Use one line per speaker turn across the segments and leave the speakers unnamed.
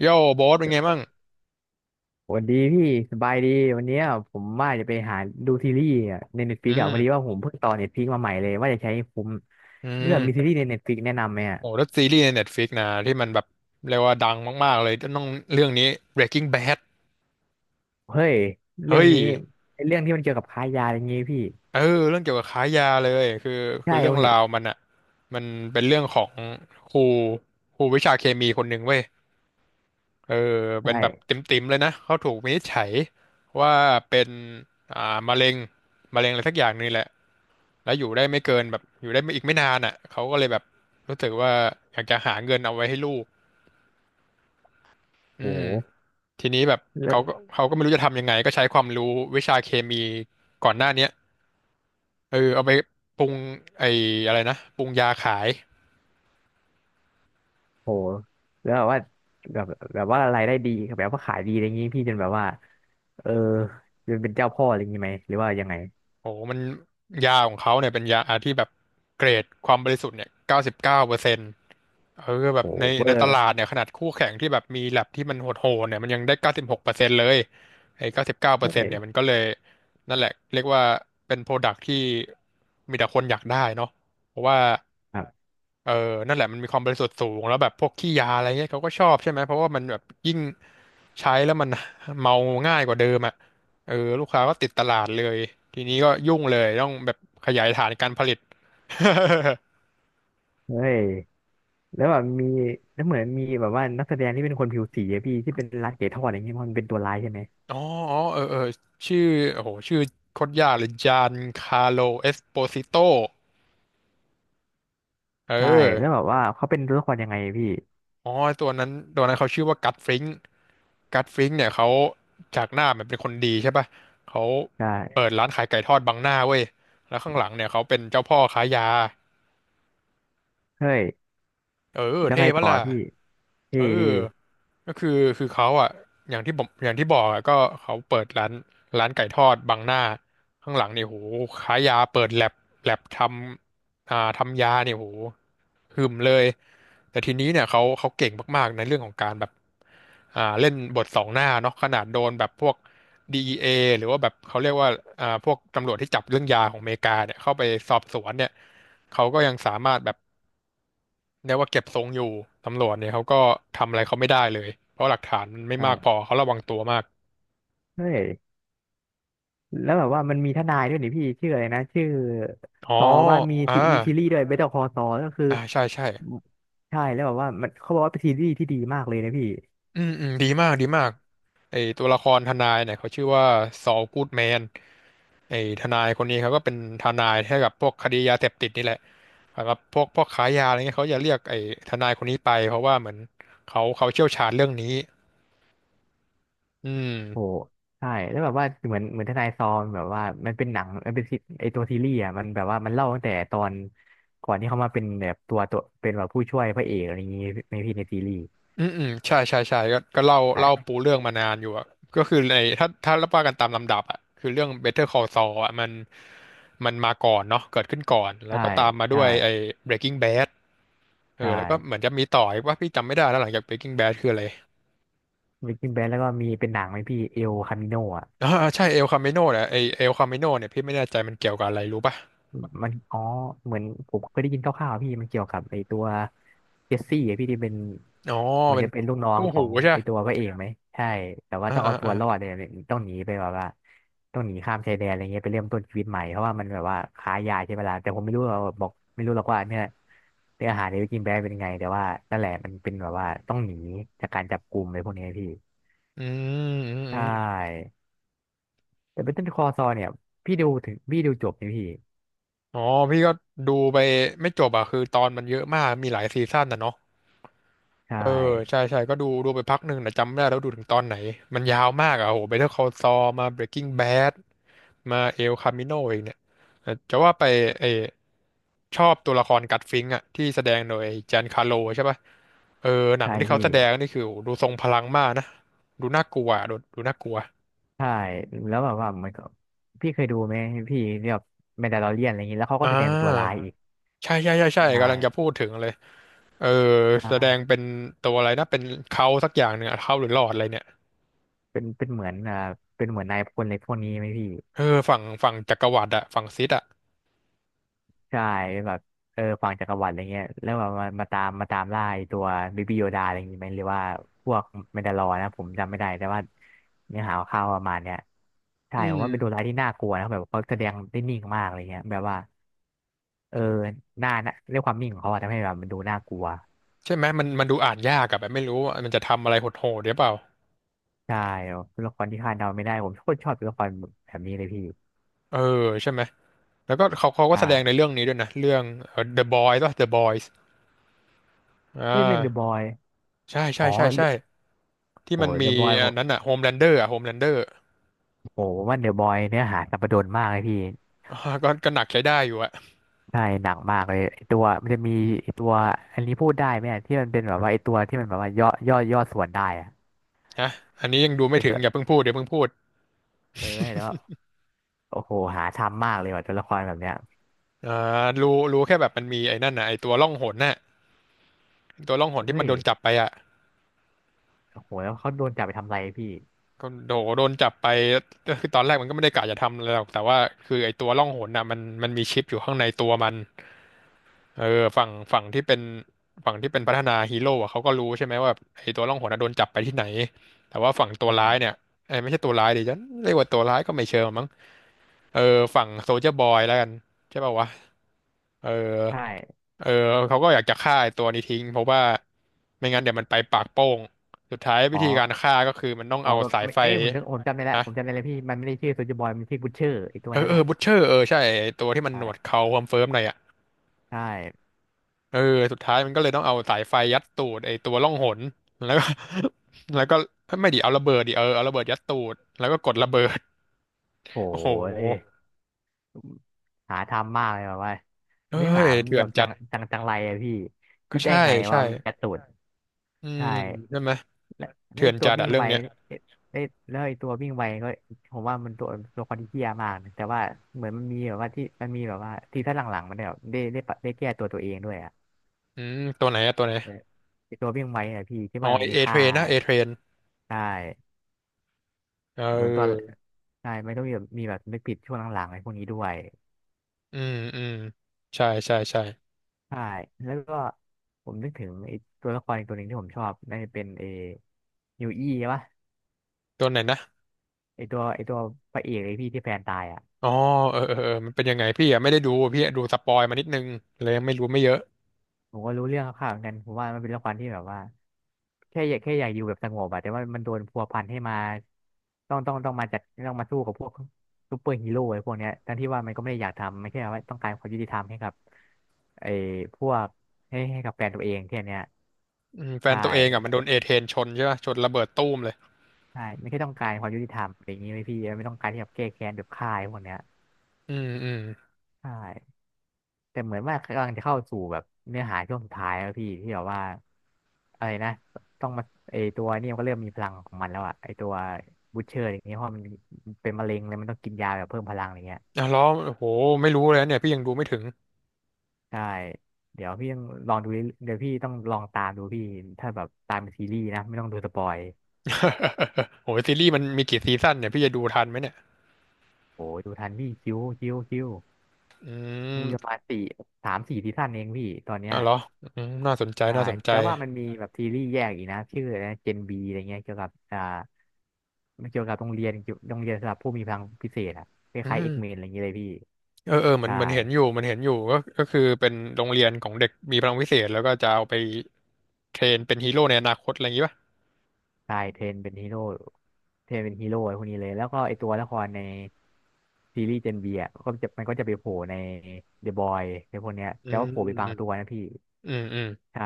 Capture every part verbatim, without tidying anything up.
โย่โบ๊ทเป็นไงบ้าง
สวัสดีพี่สบายดีวันเนี้ยผมว่าจะไปหาดูซีรีส์อะในเน็ตฟลิ
อื
กอะพ
ม
อดีว่าผมเพิ่งต่อเน็ตฟลิกมาใหม่เลยว่าจะใช้ผม
อื
เลือกมีซี
ม
รีส์ในเน็ตฟลิกแนะนำไหมอะ
โอ้แล้วซีรีส์ใน Netflix นะที่มันแบบเรียกว่าดังมากๆเลย ต้องเรื่องนี้ Breaking Bad
เฮ้ย
เฮ้
เรื่อง
ย
นี้ไอ้เรื่องที่มันเกี่ยวกับค้ายาอะไรเงี้ยพี่
เออเรื่องเกี่ยวกับค้ายาเลย คือ
ใช่
คือเรื่อ
เขา
ง
เห็
รา
น
วมันอ่ะมันเป็นเรื่องของครูครูวิชาเคมีคนหนึ่งเว้ย เออ เป็นแบบ
ใช่
ติ่มๆเลยนะ เขาถูกวินิจฉัยว่าเป็นอ่ามะเร็งมะเร็งอะไรสักอย่างนี่แหละแล้วอยู่ได้ไม่เกินแบบอยู่ได้ไม่อีกไม่นานอ่ะเขาก็เลยแบบรู้สึกว่าอยากจะหาเงินเอาไว้ให้ลูก อืม
โห
ทีนี้แบบ
เล้ว
เขาก็เขาก็ไม่รู้จะทำยังไงก็ใช้ความรู้วิชาเคมีก่อนหน้าเนี้ยเออเอาไปปรุงไอ้อะไรนะปรุงยาขาย
โหแล้วแบบว่าแบบแบบว่ารายได้ดีแบบว่าขายดีอะไรเงี้ยพี่จนแบบว่าเออจนเป็นเจ้าพ่ออะไรเงี้ยไหมหรือว่ายังไง
โอ้โหมันยาของเขาเนี่ยเป็นยาที่แบบเกรดความบริสุทธิ์เนี่ยเก้าสิบเก้าเปอร์เซ็นต์เออแบ
โห
บใน
เบอ
ในต
ร์
ลาดเนี่ยขนาดคู่แข่งที่แบบมีแลบที่มันโหดๆเนี่ยมันยังได้เก้าสิบหกเปอร์เซ็นต์เลยไอ้เก้าสิบเก้า
ใ
เปอร์เซ็นต์เนี่ยมั
ช่
นก็เลยนั่นแหละเรียกว่าเป็นโปรดักที่มีแต่คนอยากได้เนาะเพราะว่า
ครับ
เออนั่นแหละมันมีความบริสุทธิ์สูงแล้วแบบพวกขี้ยาอะไรเงี้ยเขาก็ชอบใช่ไหมเพราะว่ามันแบบยิ่งใช้แล้วมัน เมาง่ายกว่าเดิมอ่ะเออลูกค้าก็ติดตลาดเลยทีนี้ก็ยุ่งเลยต้องแบบขยายฐานการผลิต
เฮ้ย แล้วแบบมีแล้วเหมือนมีแบบว่านักแสดงที่เป็นคนผิวสีอะพี่ที่เป็นรัดเก๋ทอดอย่างเงี้ยเพราะมันเป็นตัวร้ายใช่ไหม
อ๋ออ๋อเออเออชื่อโอ้โหชื่อโคตรยากเลยจานคาร์โลเอสโปซิโตเอ
ใช่แล้วแบ
อ
บว่าเขาเป็นตัวละครยังไงพี่
อ๋อตัวนั้นตัวนั้นเขาชื่อว่ากัตฟริง กัตฟริงก์เนี่ยเขาจากหน้ามันเป็นคนดีใช่ป่ะเขา
ใช่
เปิดร้านขายไก่ทอดบังหน้าเว้ย แล้วข้างหลังเนี่ยเขาเป็นเจ้าพ่อค้ายา
เฮ้ย
เออ
แล้ว
เท่
ไง
ปะ
ต่อ
ล่ะ
พี่เท่
เออ
ดี
ก็คือคือเขาอ่ะอย่างที่ผมอย่างที่บอกอ่ะก็เขาเปิดร้านร้านไก่ทอดบังหน้าข้างหลังเนี่ยโหขายยาเปิดแลบแลบทำอ่าทำยาเนี่ยโหหึมเลย แต่ทีนี้เนี่ยเขาเขาเก่งมากๆในเรื่องของการแบบอ่าเล่นบทสองหน้าเนาะขนาดโดนแบบพวก ดี อี เอ หรือว่าแบบเขาเรียกว่าอ่าพวกตำรวจที่จับเรื่องยาของอเมริกาเนี่ยเข้าไปสอบสวนเนี่ยเขาก็ยังสามารถแบบ เรียกว่าเก็บทรงอยู่ตำรวจเนี่ยเขาก็ทำอะไรเขาไม่ได้เลยเพราะหลักฐานมันไม่มากพ
ใช่
อเขาระวังตัวมาก
เฮ้ยแล้วแบบว่ามันมีทนายด้วยนี่พี่ชื่ออะไรนะชื่อ
อ๋อ
ซอบ้ามี
อ่า
ซีมีซีรีส์ด้วยเบเตอร์คอซอก็คือ
อ่าใช่ใช่
ใช่แล้วแบบว่ามันเขาบอกว่าเป็นซีรีส์ที่ดีมากเลยนะพี่
อืมอืมดีมากดีมากไอตัวละครทนายเนี่ยเขาชื่อว่าซอลกูดแมนไอทนายคนนี้เขาก็เป็นทนายให้กับพวกคดียาเสพติดนี่แหละสำหรับพวกพวกค้ายาอะไรเงี้ยเขาจะเรียกไอทนายคนนี้ไปเพราะว่าเหมือนเขาเขาเชี่ยวชาญเรื่องนี้อื
โห
ม
ใช่แล้วแบบว่าเหมือนเหมือนทนายซอมแบบว่ามันเป็นหนังมันเป็นซีไอตัวซีรีส์อ่ะมันแบบว่ามันเล่าตั้งแต่ตอนก่อนที่เขามาเป็นแบบตัวตัวเป็นแบบผู้ช่วยพระเอกอะไรอย่างงี้ในพี่ในซีรีส์
อืมอืมใช่ใช่ใช่ก็ก็เล่าเล่า
ใช่
ปูเรื่องมานานอยู่อะก็คือในถ้าถ้าว่ากันตามลำดับอะคือเรื่อง Better Call Saul อะมันมันมาก่อนเนาะเกิดขึ้นก่อนแล้ว
ใช่
ก็ตามมาด้
ใช่
วยไอ้ Breaking Bad เอ
ใช่
อแล้วก็เหมือนจะมีต่ออีกว่าพี่จำไม่ได้แล้วหลังจาก Breaking Bad คืออะไร
เบกกิ้งแบนแล้วก็มีเป็นหนังไหมพี่เอลคามิโนอ่ะ
อ่าใช่เอลคาเมโนแหละไอเอลคาเมโนเนี่ยพี่ไม่แน่ใจมันเกี่ยวกับอะไรรู้ป่ะ
มันอ๋อเหมือนผมเคยได้ยินคร่าวๆอะพี่มันเกี่ยวกับไอตัวเจสซี่อะพี่ที่เป็น
อ๋อ
เหมือน
เป็น
จะเป็นลูกน้อง
คู่
ขอ
หู
ง
ใช่
ไอ
ปะ
ตัวพระเอกไหมใช่แต่ว่า
อ่า
ต้อง
อ่า
เอาตัว
อ่า
รอดเนี่ยต้องหนีไปแบบว่าต้องหนีข้ามชายแดนอะไรเงี้ยไปเริ่มต้นชีวิตใหม่เพราะว่ามันแบบว่าค้ายาใช่ไหมล่ะแต่ผมไม่รู้หรอกบอกไม่รู้หรอกว่าเนี่ยเนื้อหาในวิกินแบร์เป็นยังไงแต่ว่านั่นแหละมันเป็นแบบว่าต้องหนีจากการจับกลุ่มอะไรพวกนี้พี่
อืมอืม
ใช
อืม
่แต่เป็นต้นคอซอเนี่ยพี่ดูถึงพี่ดูจบไหมพี่
อ๋อพี่ก็ดูไปไม่จบอะคือตอนมันเยอะมากมีหลายซีซั่นนะเนาะ
ใช่
เออใช่ใช่ก็ดูดูไปพักหนึ่งแต่จำไม่ได้แล้วดูถึงตอนไหนมันยาวมากอ่ะโห Better Call Saul มา Breaking Bad มา El Camino เองเนี่ยแต่จะว่าไปเออชอบตัวละครกัตฟิงค์อ่ะที่แสดงโดยจานคาโลใช่ป่ะเออหนั
ใช่
งที่เขา
พี่
แสดงนี่คือโหดูทรงพลังมากนะดูน่ากลัวอะดูดูน่ากลัว
ใช่แล้วแบบว่ามันก็พี่เคยดูไหมพี่ที่แบบแมนดาลอเรียนอะไรอย่างนี้แล้วเขาก็
อ่
แสดงเป็นตัวร้าย
า
อ่อีก
ใช่ใช่ใช่ใช่
ใช
กำลังจะ
่
พูดถึงเลยเออ
ใช
แสดง
่
เป็นตัวอะไรนะเป็นเขาสักอย่างหนึ่งอะเขาหรือหลอดอะไรเนี่ย
เป็นเป็นเหมือนอ่าเป็นเหมือนนายพลอะไรพวกนี้ไหมพี่
เออฝั่งฝั่งจักรวรรดิอะฝั่งซิสอะ
ใช่เป็นแบบเออฝั่งจักรวรรดิอะไรเงี้ยแล้วแบบมามาตามมาตามล่าไอ้ตัวบิบิโยดาอะไรอย่างงี้ไหมหรือว่าพวกแมนดาลอนะผมจำไม่ได้แต่ว่าเนื้อหาข่าวๆประมาณเนี้ยใช่
อื
ผมว่าเป็นตัวร้า
ม
ยที่น่ากลัวนะแบบเขาแสดงได้นิ่งมากอะไรเงี้ยแบบว่าเออหน้าหน้าด้วยความนิ่งของเขาอะทำให้แบบมันดูน่ากลัว
ใช่ไหมมันมันดูอ่านยากอะแบบไม่รู้ว่ามันจะทำอะไรโหดๆหรือเปล่า
ใช่เป็นละครที่คาดเดาไม่ได้ผมโคตรชอบเป็ละครแบบนี้เลยพี่
เออใช่ไหมแล้วก็เขาเขาก็แสดงใน
ใช่
เรื่องนี้ด้วยนะเรื่องเอ่อ The Boys ป่ะ The Boys อ่
เฮ้ยเรื่องเดอะบ
า
อย
ใช่
อ๋
ใช่
อ
ใช่ใช่
เรื่อง
ที่
โอ้
มัน
เด
มี
อะบอยผ
อัน
ม
นั้นอะ Homelander อะ Homelander
โอ้ผมว่าเดอะบอยเนื้อหาสัปดนมากเลยพี่
อ่าก็ก็หนักใช้ได้อยู่อะ
ใช่หนักมากเลยไอ้ตัวมันจะมีไอ้ตัวอันนี้พูดได้ไหมอะที่มันเป็นแบบว่าไอ้ตัวที่มันแบบว่าย่อย่อย่อส่วนได้อะ
นะอันนี้ยังดูไม่
ไอ้ตั
ถึง
ว
อย่าเพิ่งพูดเดี๋ยวเพิ่งพูด
เออแล้วาโอ้โหหาทำมากเลยว่ะตัวละครแบบเนี้ย
อ่ารู้รู้แค่แบบมันมีไอ้นั่นนะไอ้ตัวล่องหนน่ะตัวล่องหนที่
เอ้
มัน
ย
โดนจับไปอะ
โอ้โหแล้วเขาโดนจับไปทำอะไรพี่
ก็โดโดนจับไปก็คือตอนแรกมันก็ไม่ได้กะจะทำอะไรหรอกแต่ว่าคือไอ้ตัวล่องหนน่ะมันมันมีชิปอยู่ข้างในตัวมัน เออฝั่งฝั่งที่เป็นฝั่งที่เป็นพัฒนาฮีโร่อะเขาก็รู้ใช่ไหมว่าแบบไอ้ตัวล่องหนอะโดนจับไปที่ไหนแต่ว่าฝั่งตัวร้ายเนี่ยไอ้ยไม่ใช่ตัวร้ายดิฉันเรียกว่าตัวร้ายก็ไม่เชิงมั้งเออฝั่งโซลเจอร์บอยแล้วกันใช่ป่าวะเออ
ใช่
เออเขาก็อยากจะฆ่าไอ้ตัวนี้ทิ้งเพราะว่าไม่งั้นเดี๋ยวมันไปปากโป้งสุดท้ายวิ
อ๋อ
ธีการฆ่าก็คือมันต้อง
อ๋อ
เอา
แบบ
สาย
ไม่
ไฟ
เอ้ยผมจำผมจำได้แล้ว
นะ
ผมจำได้แล้วพี่มันไม่ได้ชื่อโซลเจอร์บอยมันชื่อบูชเชอร์ไอ้ตัว
เออ
นั้น
เอ
อ่
อบุชเชอร์เออใช่ไอ้ตัวที่มันหนวด
ะ
เขาคอนเฟิร์มหน่อยอะ
ใช่
เออสุดท้ายมันก็เลยต้องเอาสายไฟยัดตูดไอ้ตัวล่องหนแล้วก็ แล้วก็ไม่ดิเอาระเบิดดิเออเอาระเบิดยัดตูดแล้วก็กดระเบิด
โห
โอ้โห
ยหาทำมากเลยแบบว่า
เอ้
เนื้อหา
ย
มัน
เถื่
แบ
อน
บจั
จัด
งจังจังไรอะพี่คิ
ก็
ดได้
ใช่
ไงว่า
ใช่
เอายัดตูน
อืม
ใช่
ใช่ไหม
และ
เถื่
ไอ้
อน
ตัว
จัด
วิ่
อะ
ง
เรื่อง
ไว
เนี้ย
ไอ้ไอ้แล้วไอ้ตัววิ่งไวก็ผมว่ามันตัวตัวคนที่เหี้ยมากนะแต่ว่าเหมือนมันมีแบบว่าที่มันมีแบบว่าที่ถ้าหลังๆมันเนี่ยแบบได้ได้ปะได้แก้ตัวตัวเองด้วยอะ
อืมตัวไหนอะตัวไหน
เออไอ้ตัววิ่งไวอะพี่ที่
อ๋อ
ว่ามันมี
เอเท
ค่า
รนนะเอเทรน
ใช่
เ
เหมือนตอน
ออ
ใช่ไม่ต้องมีแบบมีแบบนึกผิดช่วงหลังๆไอ้พวกนี้ด้วย
อืมอืมใช่ใช่ใช่
ใช่ แล้วก็ผมนึกถึงไอ้ตัวละครอีกตัวหนึ่งที่ผมชอบน่าจะเป็นเอยูอี้ใช่ปะ
ตัวไหนนะ
ไอตัวไอตัวพระเอกไอพี่ที่แฟนตายอ่ะ
อ๋อเออเออเออมันเป็นยังไงพี่อะไม่ได้ดูพี่อะดูสปอยมานิดนึงเลยไม่รู้ไม่เยอะ
ผมก็รู้เรื่องคร่าวๆเหมือนกันผมว่ามันเป็นละครที่แบบว่าแค่อยากแค่อยากอยู่แบบสงบอะแต่ว่ามันโดนพัวพันให้มาต้องต้องต้องมาจัดต้องมาสู้กับพวกซูเปอร์ฮีโร่ไอ้พวกเนี้ยทั้งที่ว่ามันก็ไม่ได้อยากทำมันแค่ว่าต้องการความยุติธรรมให้กับไอ้พวกให้ให้กับแฟนตัวเองแค่เนี้ย
อืมแฟ
ใช
นตัวเองอะมัน
่
โดนเอเทรนชนใช่ปะชนระเบิดตู้มเลย
ใช่ไม่ใช่ต้องการความยุติธรรมอะไรอย่างนี้ไหมพี่ไม่ต้องการที่แบบแก้แค้นแบบฆ่าไอ้พวกเนี้ย
อืมอืม
ใช่แต่เหมือนว่ากำลังจะเข้าสู่แบบเนื้อหาช่วงสุดท้ายแล้วพี่ที่แบบว่าอะไรนะต้องมาไอตัวนี่มันก็เริ่มมีพลังของมันแล้วอะไอตัวบูชเชอร์อย่างเงี้ยเพราะมันเป็นมะเร็งเลยมันต้องกินยาแบบเพิ่มพลังอะไรเงี้ย
อ่ะแล้วโอ้โหไม่รู้เลยนะเนี่ย พี่ยังดูไม่ถึง
ใช่เดี๋ยวพี่ต้องลองดูเรื่อยเดี๋ยวพี่ต้องลองตามดูพี่ถ้าแบบตามเป็นซีรีส์นะไม่ต้องดูสปอย
โอ้หซีรีส์มันมีกี่ซีซั่นเนี่ยพี่จะดูทันไหมเนี่ย
โอ้ดูทันพี่คิ้วคิ้วคิ้ว
อื
มีประ
ม
มาณสี่สามสี่ซีซั่นเองพี่ตอนเนี้ย
อ่ะเหรออืมน่าสนใจ
ใช่
น่าสนใจ
แต่ว่ามันมีแบบซีรีส์แยกอีกนะชื่ออะไรนะเจนบีอะไรเงี้ยเกี่ยวกับอ่ามันเกี่ยวกับโรงเรียนเกี่ยวโรงเรียนสำหรับผู้มีพลังพิเศษอะค
อื
ล้ายๆเอ็
ม
กเมนอะไรอย่างเงี้ยเลยพี่
เออเออเหมือน
ใช่
เหมือนเห็นอยู่เหมันเห็นอยู่ ก็ก็คือเป็นโรงเรียนของเด็กมีพลังวิเศษแล้วก็จะเอาไปเทรนเป็นฮีโร่ในอนาคตอะไรอย่างงี้ป่ะ
ใช่เทรนเป็นฮีโร่เทรนเป็นฮีโร่ไอ้พวกนี้เลยแล้วก็ไอตัวละครในซีรีส์เจนบีอะก็จะมันก็จะไปโผล่ในเดอะบอยในพวกเนี้ย
อื
แต่ว่าโผ
ม
ล่ไปบา
อื
งตัวนะพี่
มอืม
ใช่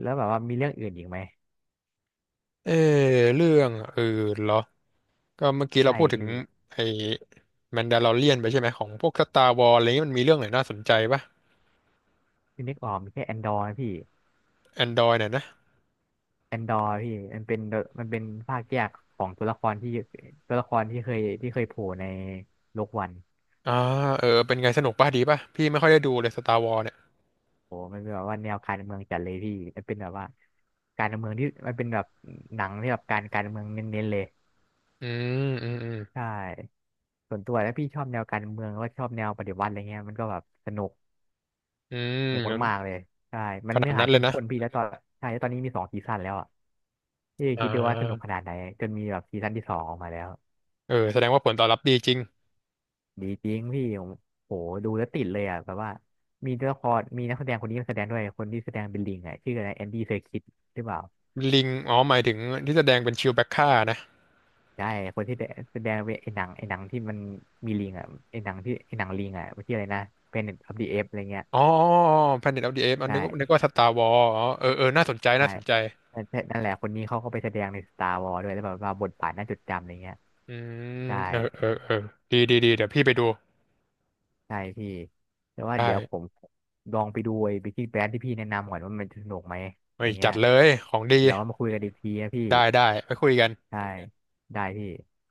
แล้วแบบว่ามีเรื่องอื่นอีกไหม
เออเรื่องอื่นเหรอก็เมื่อกี้เรา
ใช่
พูดถึง
พี่
ไอ้แมนดาลอเรียนไปใช่ไหมของพวกสตาร์วอลอะไรนี้มันมีเรื่องไหนน่าสนใจป่ะ
ที่นึกออกมีแค่แอนดอร์นะพี่
แอนดรอยเนี่ยนะ
แอนดอร์พี่มันเป็นมันเป็นภาคแยกของตัวละครที่ตัวละครที่เคยที่เคยโผล่ในโลกวัน
อ่าเออเป็นไงสนุกป่ะดีป่ะพี่ไม่ค่อยได้ดูเลยสตาร์วอ s เนี่ย
โอ้มันเป็นแบบว่าแนวการเมืองจัดเลยพี่มันเป็นแบบว่าการเมืองที่มันเป็นแบบหนังที่แบบการการเมืองเน้นๆเลย
อืม อืมอืม
ใช่ส่วนตัวแล้วพี่ชอบแนวการเมืองแล้วก็ชอบแนวปฏิวัติอะไรเงี้ยมันก็แบบสนุก
อืม
สนุก
งั้น
มากๆเลยใช่มั
ข
น
นา
เนื้
ด
อหา
นั้นเล
เข้
ย
ม
นะ
ข้นพี่แล้วตอนใช่แล้วตอนนี้มีสองซีซั่นแล้วอ่ะพี่
อ่
คิดดูว่าสนุกข
า
นาดไหนจนมีแบบซีซั่นที่สองออกมาแล้ว
เออแสดงว่าผลตอบรับดีจริง
ดีจริงพี่ผมโหดูแล้วติดเลยอ่ะแบบว่ามีตัวละครมีนักแสดงคนนี้มาแสดงด้วยคนที่แสดงเป็นลิงอ่ะชื่ออะไรแอนดี้เซอร์คิสหรือเปล่า
ลิงอ๋อหมายถึงที่แสดงเป็นชิวแบ็คค่านะ
ใช่คนที่แสดงเป็นไอ้หนังไอ้หนังที่มันมีลิงอ่ะไอ้หนังที่ไอ้หนังลิงอ่ะมันชื่ออะไรนะเพนเน็ตออฟเดอะเอฟอะไรเงี้ย
อ๋อ Planet of the Apes อันนึกว่านึก
ใช่
ว่าสตาร์วอ s อ๋อเออเออ น่าสนใจ
ใช่
น่าสนใจ
นั่นนั่นแหละคนนี้เขาก็ไปแสดงในสตาร์วอร์ด้วยแล้วแบบว่าบทบาทน่าจดจำอะไรเงี้ย
อืม
ใช่
เออเออเออดีดีดีเดี๋ยวพี่ไปดู
ใช่พี่แต่ว่าเดี๋ยวผ
ได้
มลองไปดูไอ้บิกกิ้งแบรนที่พี่แนะนำก่อนว่ามันสนุกไหมอ
เฮ้ย
ย่างเงี้
จั
ย
ดเลยของดี
เดี๋ยวมาคุยกันอีกทีนะพี่
ได้ได้ไปคุยกัน
ใช่ได้พี่